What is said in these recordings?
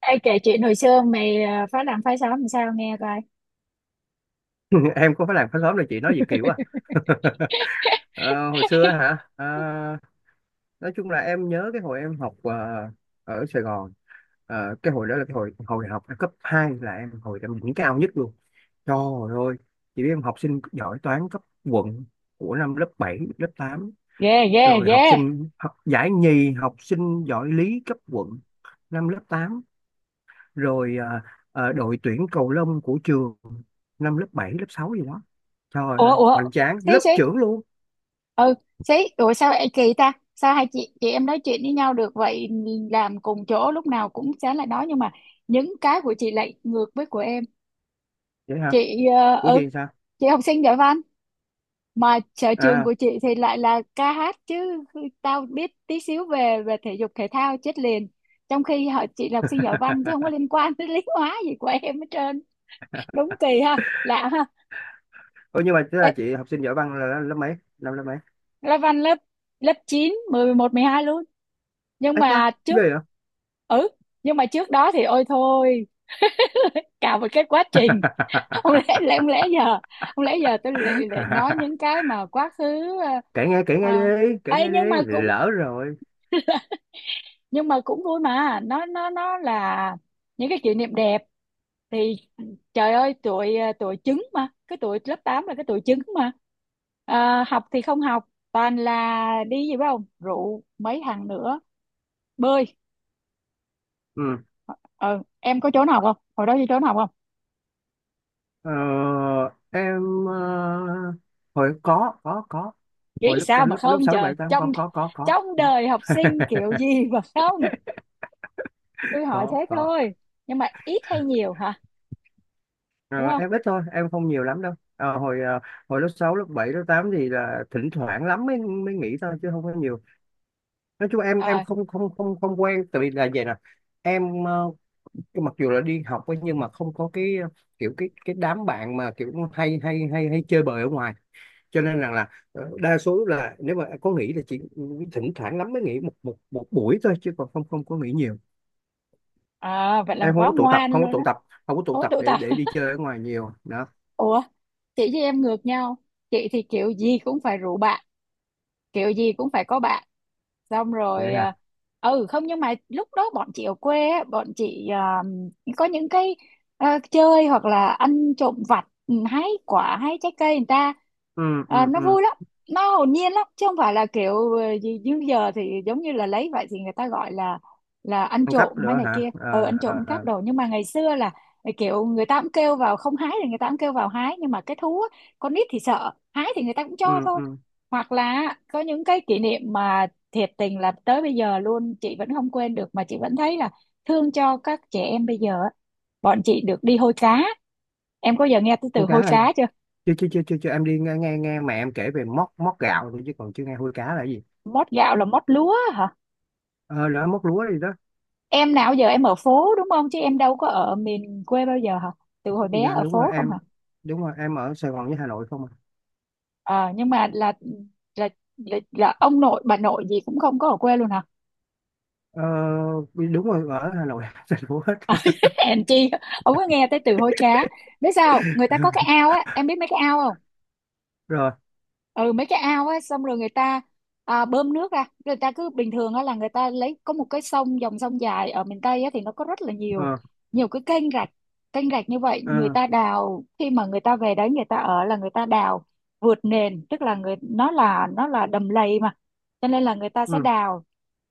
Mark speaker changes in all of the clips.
Speaker 1: Ê, kể chuyện hồi xưa mày phá làng phá xóm làm sao nghe coi.
Speaker 2: Em có phải làm khá sớm đâu chị nói gì kỳ quá à. Ờ, Hồi xưa á hả. Ờ, nói chung là em nhớ cái hồi em học ở Sài Gòn. Cái hồi đó là cái hồi hồi học cấp 2 là em hồi em điểm cao nhất luôn. Trời ơi chị biết em học sinh giỏi toán cấp quận của năm lớp 7 lớp tám,
Speaker 1: Ghê, ghê,
Speaker 2: rồi học
Speaker 1: ghê.
Speaker 2: sinh học giải nhì học sinh giỏi lý cấp quận năm lớp tám, rồi đội tuyển cầu lông của trường năm lớp 7 lớp 6 gì đó. Trời
Speaker 1: Ủa,
Speaker 2: ơi
Speaker 1: ủa,
Speaker 2: hoành tráng
Speaker 1: xí,
Speaker 2: lớp
Speaker 1: xí,
Speaker 2: trưởng luôn.
Speaker 1: ừ, xí, ủa sao ê, kỳ ta? Sao hai chị em nói chuyện với nhau được vậy, làm cùng chỗ lúc nào cũng sáng lại nói, nhưng mà những cái của chị lại ngược với của em.
Speaker 2: Vậy hả?
Speaker 1: Chị, ờ,
Speaker 2: Của
Speaker 1: ừ,
Speaker 2: gì sao?
Speaker 1: chị học sinh giỏi văn, mà sở trường
Speaker 2: À.
Speaker 1: của chị thì lại là ca hát chứ tao biết tí xíu về về thể dục thể thao chết liền. Trong khi họ chị là học sinh giỏi văn chứ không có liên quan tới lý hóa gì của em hết trơn. Đúng kỳ ha, lạ ha.
Speaker 2: Ủa nhưng mà tức
Speaker 1: Ê,
Speaker 2: là chị học sinh giỏi văn là lớp mấy, năm lớp mấy?
Speaker 1: lớp văn lớp lớp chín 10 11 12 luôn, nhưng
Speaker 2: Ấy cha
Speaker 1: mà
Speaker 2: ghê
Speaker 1: trước.
Speaker 2: vậy.
Speaker 1: Ừ, nhưng mà trước đó thì ôi thôi. Cả một cái quá trình. không lẽ lẽ không lẽ giờ không lẽ giờ tôi lại nói những cái mà quá khứ à,
Speaker 2: Kể nghe, kể nghe
Speaker 1: à.
Speaker 2: đi, kể
Speaker 1: Ấy,
Speaker 2: nghe đi
Speaker 1: nhưng mà cũng,
Speaker 2: lỡ rồi.
Speaker 1: nhưng mà cũng vui mà, nó là những cái kỷ niệm đẹp thì trời ơi, tụi tụi trứng, mà cái tụi lớp 8 là cái tụi trứng mà. Học thì không học, toàn là đi gì biết không, rượu mấy thằng nữa, bơi.
Speaker 2: Ừ.
Speaker 1: Ừ, em có trốn học không, hồi đó đi trốn học không?
Speaker 2: ờ, em, hồi có, hồi
Speaker 1: Nghĩ
Speaker 2: lớp
Speaker 1: sao mà
Speaker 2: lớp lớp
Speaker 1: không,
Speaker 2: sáu lớp
Speaker 1: trời,
Speaker 2: bảy tám
Speaker 1: trong
Speaker 2: có
Speaker 1: trong
Speaker 2: có.
Speaker 1: đời học sinh kiểu gì mà không, tôi hỏi thế
Speaker 2: Có có.
Speaker 1: thôi. Nhưng mà ít hay nhiều hả? Đúng
Speaker 2: Ờ,
Speaker 1: không?
Speaker 2: em ít thôi em không nhiều lắm đâu. Ờ, Hồi hồi lớp 6 lớp 7 lớp 8 thì là thỉnh thoảng lắm mới mới nghỉ thôi chứ không có nhiều. Nói chung em
Speaker 1: Ờ.
Speaker 2: không không không không quen, tại vì là vậy nè. Em, mặc dù là đi học ấy, nhưng mà không có cái, kiểu cái đám bạn mà kiểu hay hay hay hay chơi bời ở ngoài, cho nên rằng là đa số là nếu mà có nghỉ là chỉ thỉnh thoảng lắm mới nghỉ một một một buổi thôi chứ còn không không có nghỉ nhiều.
Speaker 1: À, vậy là
Speaker 2: Em không
Speaker 1: quá
Speaker 2: có tụ tập,
Speaker 1: ngoan
Speaker 2: không có
Speaker 1: luôn
Speaker 2: tụ
Speaker 1: á.
Speaker 2: tập, không có tụ
Speaker 1: Ối,
Speaker 2: tập
Speaker 1: tụ
Speaker 2: để
Speaker 1: tập.
Speaker 2: để đi chơi ở ngoài nhiều đó.
Speaker 1: Ủa, chị với em ngược nhau. Chị thì kiểu gì cũng phải rủ bạn, kiểu gì cũng phải có bạn. Xong
Speaker 2: Vậy
Speaker 1: rồi
Speaker 2: hả?
Speaker 1: à, ừ không, nhưng mà lúc đó bọn chị ở quê á, bọn chị à, có những cái, chơi hoặc là ăn trộm vặt, hái quả hái trái cây người ta.
Speaker 2: Ừ,
Speaker 1: À,
Speaker 2: ừ,
Speaker 1: nó
Speaker 2: ừ.
Speaker 1: vui lắm, nó hồn nhiên lắm chứ không phải là kiểu gì như giờ, thì giống như là lấy vậy thì người ta gọi là ăn
Speaker 2: Ăn cắp
Speaker 1: trộm hay
Speaker 2: nữa
Speaker 1: này
Speaker 2: hả?
Speaker 1: kia,
Speaker 2: À,
Speaker 1: ăn
Speaker 2: à,
Speaker 1: trộm cắp
Speaker 2: à.
Speaker 1: đồ, nhưng mà ngày xưa là kiểu người ta cũng kêu vào không hái thì người ta cũng kêu vào hái, nhưng mà cái thú á, con nít thì sợ, hái thì người ta cũng cho
Speaker 2: Ừ,
Speaker 1: thôi.
Speaker 2: ừ.
Speaker 1: Hoặc là có những cái kỷ niệm mà thiệt tình là tới bây giờ luôn chị vẫn không quên được, mà chị vẫn thấy là thương cho các trẻ em bây giờ á. Bọn chị được đi hôi cá. Em có giờ nghe tới từ
Speaker 2: Con cá
Speaker 1: hôi
Speaker 2: là.
Speaker 1: cá chưa?
Speaker 2: Chưa chưa chưa chưa chưa, em đi nghe nghe nghe mẹ em kể về móc móc gạo thôi chứ còn chưa nghe hôi cá là gì.
Speaker 1: Mót gạo là mót lúa hả?
Speaker 2: Ờ là móc lúa gì đó.
Speaker 1: Em nào giờ em ở phố đúng không, chứ em đâu có ở miền quê bao giờ hả? Từ hồi bé
Speaker 2: Dạ
Speaker 1: ở
Speaker 2: đúng rồi
Speaker 1: phố không hả?
Speaker 2: em. Đúng rồi, em ở Sài Gòn với Hà Nội không à.
Speaker 1: Ờ, nhưng mà là, là ông nội bà nội gì cũng không có ở quê luôn hả?
Speaker 2: ờ Đúng rồi, ở Hà Nội Sài Gòn hết.
Speaker 1: Hèn chi không có nghe tới từ hôi cá. Biết sao không? Người ta có cái ao á, em biết mấy cái ao không?
Speaker 2: Rồi.
Speaker 1: Ừ, mấy cái ao ấy, xong rồi người ta, à, bơm nước ra, người ta cứ bình thường á là người ta lấy, có một cái sông, dòng sông dài ở miền Tây á thì nó có rất là nhiều,
Speaker 2: ờ
Speaker 1: nhiều cái kênh rạch. Kênh rạch như vậy người
Speaker 2: ờ
Speaker 1: ta đào, khi mà người ta về đấy người ta ở là người ta đào vượt nền, tức là người nó là, nó là đầm lầy mà, cho nên là người ta sẽ
Speaker 2: ừ.
Speaker 1: đào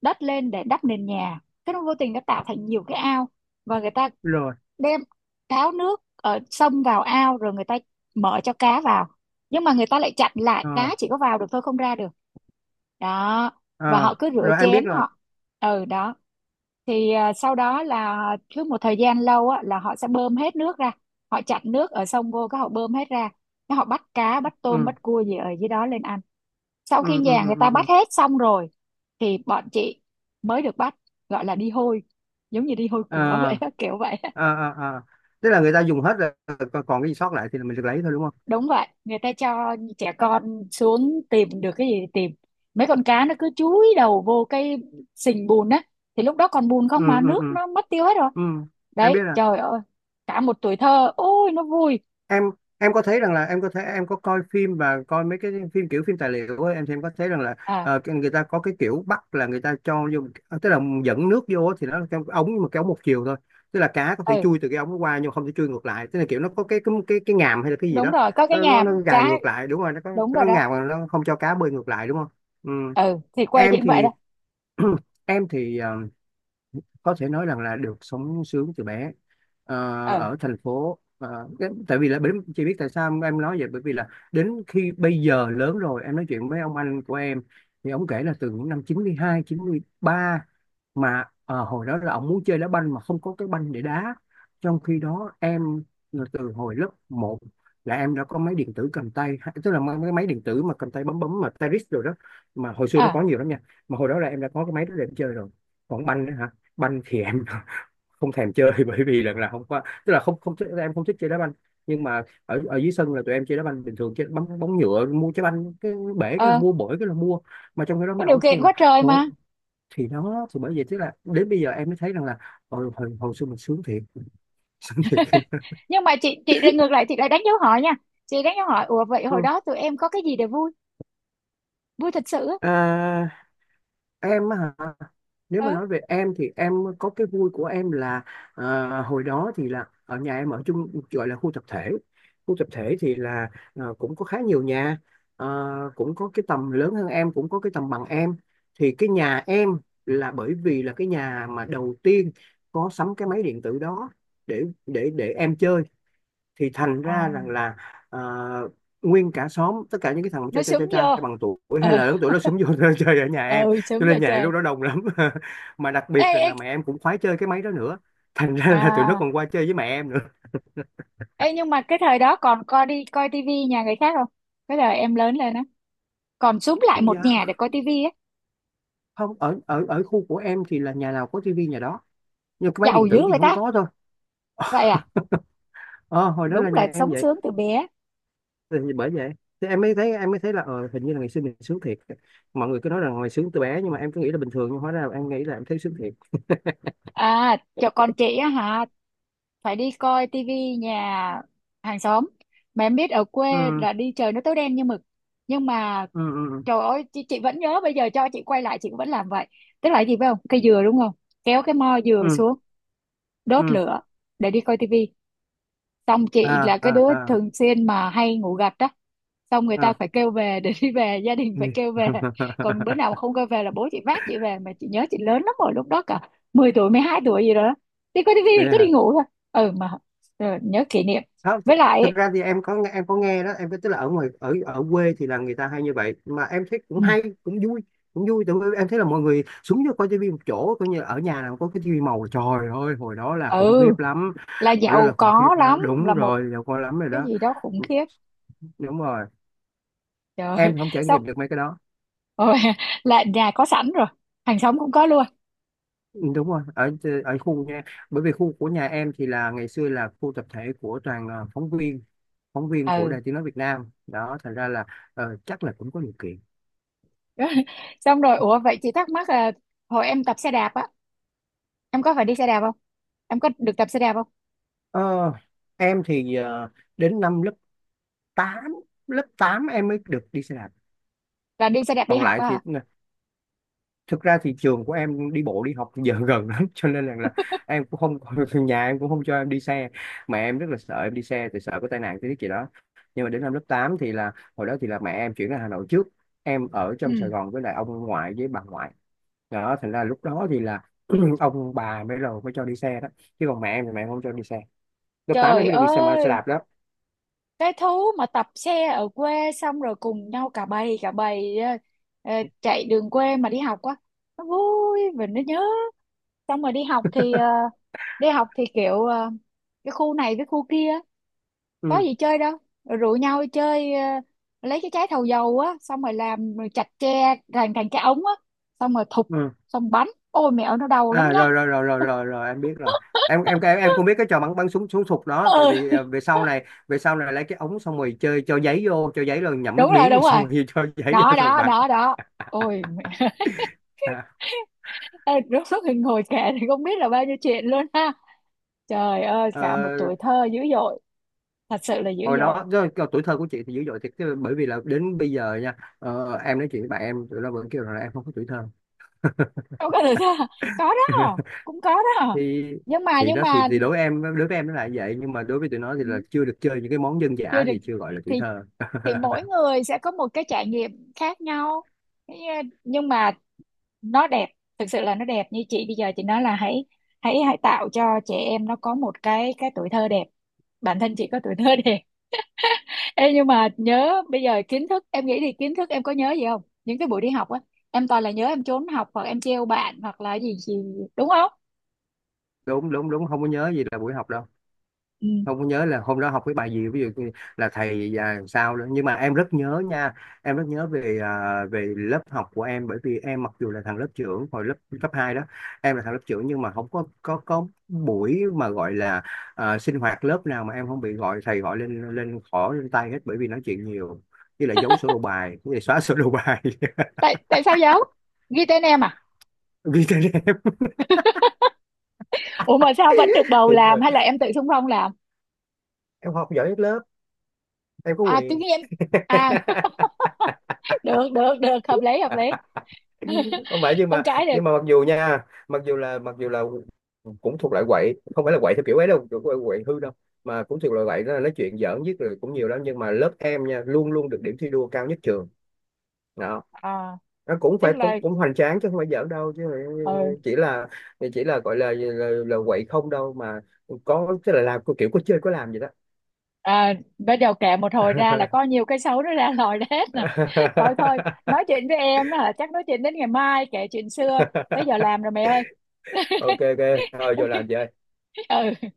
Speaker 1: đất lên để đắp nền nhà, cái nó vô tình nó tạo thành nhiều cái ao. Và người ta
Speaker 2: Rồi.
Speaker 1: đem tháo nước ở sông vào ao, rồi người ta mở cho cá vào, nhưng mà người ta lại chặn lại,
Speaker 2: ờ
Speaker 1: cá chỉ có vào được thôi không ra được. Đó, và
Speaker 2: ờ
Speaker 1: họ cứ rửa
Speaker 2: Rồi em biết
Speaker 1: chén
Speaker 2: rồi.
Speaker 1: họ. Ừ, đó. Thì à, sau đó là cứ một thời gian lâu á là họ sẽ bơm hết nước ra, họ chặn nước ở sông vô cái họ bơm hết ra, cái họ bắt cá bắt tôm
Speaker 2: Ừ,
Speaker 1: bắt cua gì ở dưới đó lên ăn. Sau
Speaker 2: ừ,
Speaker 1: khi
Speaker 2: ừ,
Speaker 1: nhà
Speaker 2: ừ,
Speaker 1: người ta
Speaker 2: ừ, ừ.
Speaker 1: bắt hết xong rồi thì bọn chị mới được bắt, gọi là đi hôi, giống như đi hôi của vậy
Speaker 2: ờ
Speaker 1: á, kiểu vậy.
Speaker 2: ờ ờ ờ. Tức là người ta dùng hết rồi, còn còn cái gì sót lại thì mình được lấy thôi đúng không.
Speaker 1: Đúng vậy, người ta cho trẻ con xuống, tìm được cái gì thì tìm. Mấy con cá nó cứ chúi đầu vô cái sình bùn á, thì lúc đó còn bùn
Speaker 2: Ừ,
Speaker 1: không mà
Speaker 2: ừ,
Speaker 1: nước
Speaker 2: ừ,
Speaker 1: nó mất tiêu hết rồi.
Speaker 2: ừ. Em
Speaker 1: Đấy,
Speaker 2: biết rồi.
Speaker 1: trời ơi, cả một tuổi thơ, ôi nó vui.
Speaker 2: em em có thấy rằng là em có thấy, em có coi phim và coi mấy cái phim kiểu phim tài liệu ấy, em thì em có thấy rằng là,
Speaker 1: À,
Speaker 2: cái- người ta có cái kiểu bắt là người ta cho vô, tức là dẫn nước vô thì nó là cái ống nhưng mà cái ống một chiều thôi. Tức là cá có thể
Speaker 1: ừ,
Speaker 2: chui từ cái ống nó qua nhưng mà không thể chui ngược lại, tức là kiểu nó có cái ngàm hay là cái gì
Speaker 1: đúng
Speaker 2: đó.
Speaker 1: rồi, có cái
Speaker 2: nó nó,
Speaker 1: nhà
Speaker 2: nó gài
Speaker 1: cá.
Speaker 2: ngược lại, đúng rồi nó có
Speaker 1: Đúng rồi
Speaker 2: nó
Speaker 1: đó.
Speaker 2: ngàm mà nó không cho cá bơi ngược lại đúng không. Ừ.
Speaker 1: Ừ, thì quê chị
Speaker 2: Em
Speaker 1: cũng vậy
Speaker 2: thì,
Speaker 1: đó.
Speaker 2: em thì, có thể nói rằng là được sống sướng từ bé. Ờ,
Speaker 1: Ừ.
Speaker 2: Ở thành phố. Ờ, cái- tại vì là bởi- chị biết tại sao em nói vậy, bởi vì là đến khi bây giờ lớn rồi em nói chuyện với ông anh của em thì ông kể là từ những năm 92 93 mà, hồi đó là ông muốn chơi đá banh mà không có cái banh để đá, trong khi đó em là từ hồi lớp một là em đã có máy điện tử cầm tay ha- tức là mấy cái máy điện tử mà cầm tay bấm bấm mà Tetris rồi đó, mà hồi xưa nó
Speaker 1: À.
Speaker 2: có nhiều lắm nha. Mà hồi đó là em đã có cái máy đó để em chơi rồi. Còn banh á hả, banh thì em không thèm chơi, bởi vì lần là không có, tức là không không thích- em không thích chơi đá banh. Nhưng mà ở ở dưới sân là tụi em chơi đá banh bình thường, chơi bóng bóng nhựa, mua trái banh cái bể cái là
Speaker 1: Ờ,
Speaker 2: mua, bổi cái là mua, mà trong cái đó
Speaker 1: có
Speaker 2: mấy
Speaker 1: điều
Speaker 2: ông kêu
Speaker 1: kiện
Speaker 2: là
Speaker 1: quá trời
Speaker 2: trời ơi.
Speaker 1: mà.
Speaker 2: Thì đó thì bởi vậy, tức là đến bây giờ em mới thấy rằng là hồi, hồi, hồi xưa mình sướng thiệt. Sướng thiệt.
Speaker 1: Nhưng mà chị lại ngược lại, chị lại đánh dấu hỏi nha. Chị đánh dấu hỏi, ủa vậy hồi
Speaker 2: Ừ.
Speaker 1: đó tụi em có cái gì để vui, vui thật sự á?
Speaker 2: à, em á hả, nếu mà
Speaker 1: Ờ.
Speaker 2: nói về em thì em có cái vui của em là, hồi đó thì là ở nhà em ở chung gọi là khu tập thể. Khu tập thể thì là, cũng có khá nhiều nhà, ờ, cũng có cái tầm lớn hơn em cũng có cái tầm bằng em. Thì cái nhà em là bởi vì là cái nhà mà đầu tiên có sắm cái máy điện tử đó để để em chơi, thì thành ra rằng
Speaker 1: À,
Speaker 2: là à, nguyên cả xóm, tất cả những cái thằng
Speaker 1: nó
Speaker 2: trai trai trai
Speaker 1: súng
Speaker 2: trai
Speaker 1: vô.
Speaker 2: bằng tuổi hay
Speaker 1: Ờ.
Speaker 2: là lớn tuổi nó xúm vô chơi ở nhà em,
Speaker 1: Ừ,
Speaker 2: cho
Speaker 1: sướng giờ
Speaker 2: nên nhà em
Speaker 1: trời.
Speaker 2: lúc đó đông lắm. Mà đặc
Speaker 1: Ê,
Speaker 2: biệt rằng
Speaker 1: ê.
Speaker 2: là mẹ em cũng khoái chơi cái máy đó nữa, thành ra là tụi nó
Speaker 1: À.
Speaker 2: còn qua chơi với mẹ em nữa.
Speaker 1: Ê, nhưng mà cái thời đó còn coi, đi coi tivi nhà người khác không? Cái thời em lớn lên á, còn xúm lại một
Speaker 2: Dạ
Speaker 1: nhà để coi tivi á?
Speaker 2: không, ở ở ở khu của em thì là nhà nào có tivi nhà đó, nhưng cái máy
Speaker 1: Giàu
Speaker 2: điện
Speaker 1: dữ
Speaker 2: tử thì
Speaker 1: vậy
Speaker 2: không
Speaker 1: ta.
Speaker 2: có thôi.
Speaker 1: Vậy à?
Speaker 2: Ờ hồi đó
Speaker 1: Đúng
Speaker 2: là nhà
Speaker 1: là
Speaker 2: em
Speaker 1: sống
Speaker 2: vậy.
Speaker 1: sướng từ bé.
Speaker 2: Thì bởi vậy, thì em mới thấy là hình như là ngày xưa mình sướng thiệt. Mọi người cứ nói rằng ngày sướng từ bé nhưng mà em cứ nghĩ là bình thường, nhưng hóa ra là em nghĩ là em thấy sướng thiệt.
Speaker 1: À, cho con chị á hả, phải đi coi tivi nhà hàng xóm, mà em biết ở quê
Speaker 2: Ừ,
Speaker 1: là đi trời nó tối đen như mực. Nhưng mà
Speaker 2: ừ, ừ,
Speaker 1: trời ơi, chị vẫn nhớ, bây giờ cho chị quay lại chị cũng vẫn làm vậy. Tức là cái gì phải không, cây dừa đúng không, kéo cái mo dừa
Speaker 2: ừ,
Speaker 1: xuống, đốt
Speaker 2: ừ.
Speaker 1: lửa để đi coi tivi. Xong chị
Speaker 2: À,
Speaker 1: là
Speaker 2: à,
Speaker 1: cái đứa
Speaker 2: à,
Speaker 1: thường xuyên mà hay ngủ gật á, xong người ta
Speaker 2: à.
Speaker 1: phải kêu về để đi về, gia đình
Speaker 2: Ừ.
Speaker 1: phải kêu về. Còn bữa nào mà không kêu về là bố chị vác chị về, mà chị nhớ chị lớn lắm rồi lúc đó, cả 10 tuổi, 12 tuổi gì đó. Đi coi tivi
Speaker 2: Thế
Speaker 1: thì cứ đi
Speaker 2: hả?
Speaker 1: ngủ thôi. Ừ mà, ừ, nhớ kỷ niệm.
Speaker 2: Không th-,
Speaker 1: Với lại
Speaker 2: thực
Speaker 1: ấy,
Speaker 2: ra thì em có nghe đó, em có tức là ở ngoài ở ở quê thì là người ta hay như vậy mà em thấy cũng
Speaker 1: ừ,
Speaker 2: hay cũng vui, cũng vui tại vì em thấy là mọi người xuống cho coi tivi một chỗ, coi như ở nhà nào có cái tivi màu trời ơi hồi đó là khủng khiếp
Speaker 1: ừ,
Speaker 2: lắm.
Speaker 1: là
Speaker 2: Hồi đó
Speaker 1: giàu
Speaker 2: là khủng khiếp
Speaker 1: có lắm,
Speaker 2: lắm
Speaker 1: là
Speaker 2: đúng
Speaker 1: một
Speaker 2: rồi, giờ coi lắm rồi
Speaker 1: cái
Speaker 2: đó.
Speaker 1: gì đó khủng
Speaker 2: Ừ,
Speaker 1: khiếp.
Speaker 2: đúng rồi.
Speaker 1: Trời.
Speaker 2: Em thì không trải
Speaker 1: Xong
Speaker 2: nghiệm được mấy cái đó.
Speaker 1: rồi là nhà có sẵn rồi, hàng xóm cũng có luôn.
Speaker 2: Ừ, đúng rồi, ở ở khu nha, bởi vì khu của nhà em thì là ngày xưa là khu tập thể của toàn, phóng viên, phóng viên của
Speaker 1: Ừ.
Speaker 2: Đài Tiếng nói Việt Nam đó, thành ra là, chắc là cũng có điều kiện.
Speaker 1: Rồi. Xong rồi ủa, vậy chị thắc mắc là hồi em tập xe đạp á, em có phải đi xe đạp không, em có được tập xe đạp không?
Speaker 2: Ờ, em thì, đến năm lớp tám, lớp 8 em mới được đi xe đạp.
Speaker 1: Là đi xe đạp đi
Speaker 2: Còn
Speaker 1: học
Speaker 2: lại
Speaker 1: á
Speaker 2: thì
Speaker 1: hả?
Speaker 2: thực ra thì trường của em đi bộ đi học giờ gần lắm, cho nên là em cũng không nhà em cũng không cho em đi xe, mà em rất là sợ em đi xe thì sợ có tai nạn cái gì đó. Nhưng mà đến năm lớp 8 thì là hồi đó thì là mẹ em chuyển ra Hà Nội trước, em ở trong
Speaker 1: Ừ,
Speaker 2: Sài Gòn với lại ông ngoại với bà ngoại đó, thành ra lúc đó thì là ông bà mới rồi mới cho đi xe đó, chứ còn mẹ em thì mẹ em không cho đi xe. Lớp 8 em
Speaker 1: trời
Speaker 2: mới được đi xe mà xe
Speaker 1: ơi,
Speaker 2: đạp đó.
Speaker 1: cái thú mà tập xe ở quê, xong rồi cùng nhau cả bầy, cả bầy ờ, ờ, chạy đường quê mà đi học á, nó vui và nó nhớ. Xong rồi đi học thì đi học thì kiểu cái khu này với khu kia, có
Speaker 2: Ừ.
Speaker 1: gì chơi đâu, rồi rủ nhau đi chơi, lấy cái trái thầu dầu á, xong rồi làm rồi chặt tre thành, thành cái ống á, xong rồi thụp,
Speaker 2: Ừ.
Speaker 1: xong bắn, ôi mẹo nó đau lắm
Speaker 2: À
Speaker 1: nha.
Speaker 2: rồi rồi rồi rồi rồi rồi em biết rồi. Em cũng biết cái trò bắn bắn súng súng sục đó, tại
Speaker 1: Ừ.
Speaker 2: vì về sau này lấy cái ống xong rồi chơi cho giấy vô, cho giấy rồi nhậm nước
Speaker 1: Đúng rồi,
Speaker 2: miếng rồi
Speaker 1: đúng rồi,
Speaker 2: xong rồi cho giấy
Speaker 1: đó
Speaker 2: vô xong
Speaker 1: đó
Speaker 2: bắn.
Speaker 1: đó đó. Ôi mẹ.
Speaker 2: À.
Speaker 1: Ê, lúc xuất hiện ngồi kể thì không biết là bao nhiêu chuyện luôn ha, trời ơi
Speaker 2: ờ,
Speaker 1: cả một tuổi thơ dữ dội, thật sự là dữ
Speaker 2: Hồi
Speaker 1: dội.
Speaker 2: đó do- do tuổi thơ của chị thì dữ dội thiệt chứ, bởi vì là đến bây giờ nha, em nói chuyện với bạn em tụi nó vẫn kêu rằng là em không có tuổi thơ.
Speaker 1: Không có được sao? Có đó, cũng có đó.
Speaker 2: thì
Speaker 1: Nhưng mà,
Speaker 2: thì
Speaker 1: nhưng
Speaker 2: đó,
Speaker 1: mà
Speaker 2: thì đối với em, đối với em nó là vậy nhưng mà đối với tụi nó thì
Speaker 1: ừ,
Speaker 2: là chưa được chơi những cái món dân
Speaker 1: chưa
Speaker 2: dã
Speaker 1: được.
Speaker 2: thì chưa gọi là tuổi
Speaker 1: thì
Speaker 2: thơ.
Speaker 1: thì mỗi người sẽ có một cái trải nghiệm khác nhau. Thế, ờ, nhưng mà nó đẹp, thực sự là nó đẹp. Như chị bây giờ chị nói là hãy, hãy tạo cho trẻ em nó có một cái tuổi thơ đẹp. Bản thân chị có tuổi thơ đẹp. Ê, nhưng mà nhớ bây giờ kiến thức, em nghĩ thì kiến thức em có nhớ gì không, những cái buổi đi học á, em toàn là nhớ em trốn học hoặc em trêu bạn hoặc là gì gì, đúng không?
Speaker 2: Đúng đúng đúng, không có nhớ gì là buổi học đâu.
Speaker 1: Ừ.
Speaker 2: Không có nhớ là hôm đó học cái bài gì, ví dụ như là thầy và sao nữa, nhưng mà em rất nhớ nha. Em rất nhớ về về lớp học của em, bởi vì em mặc dù là thằng lớp trưởng hồi lớp cấp 2 đó, em là thằng lớp trưởng nhưng mà không có có buổi mà gọi là sinh hoạt lớp nào mà em không bị gọi, thầy gọi lên lên khỏ lên tay hết bởi vì nói chuyện nhiều, như là giấu sổ đầu bài, như là xóa sổ đầu bài.
Speaker 1: Tại, tại sao giấu, ghi tên em à?
Speaker 2: Ghi tên em.
Speaker 1: Ủa mà sao vẫn được bầu
Speaker 2: Thì
Speaker 1: làm, hay là em tự xung phong làm?
Speaker 2: em học giỏi nhất lớp, em có
Speaker 1: À, tự
Speaker 2: quyền.
Speaker 1: nhiên à. Được được được, hợp lý hợp lý.
Speaker 2: Không phải, nhưng
Speaker 1: Không
Speaker 2: mà,
Speaker 1: cãi được.
Speaker 2: nhưng mà mặc dù nha, mặc dù là cũng thuộc loại quậy, không phải là quậy theo kiểu ấy đâu, kiểu quậy, quậy hư đâu, mà cũng thuộc loại quậy đó là nói chuyện giỡn nhất rồi cũng nhiều lắm, nhưng mà lớp em nha luôn luôn được điểm thi đua cao nhất trường đó.
Speaker 1: À,
Speaker 2: Nó cũng phải
Speaker 1: tức
Speaker 2: cũng
Speaker 1: là,
Speaker 2: cũng hoành tráng chứ không phải giỡn đâu chứ.
Speaker 1: ừ.
Speaker 2: Chỉ là, chỉ là gọi là là quậy không đâu mà, có tức là làm kiểu có chơi có làm vậy đó.
Speaker 1: À, bắt đầu kể một hồi ra là có nhiều cái xấu nó ra lòi ra hết nè. Thôi thôi, nói chuyện với em á hả, chắc nói chuyện đến ngày mai, kể chuyện xưa, tới giờ làm rồi mẹ ơi.
Speaker 2: Ok ok, thôi vô làm chơi.
Speaker 1: Ừ.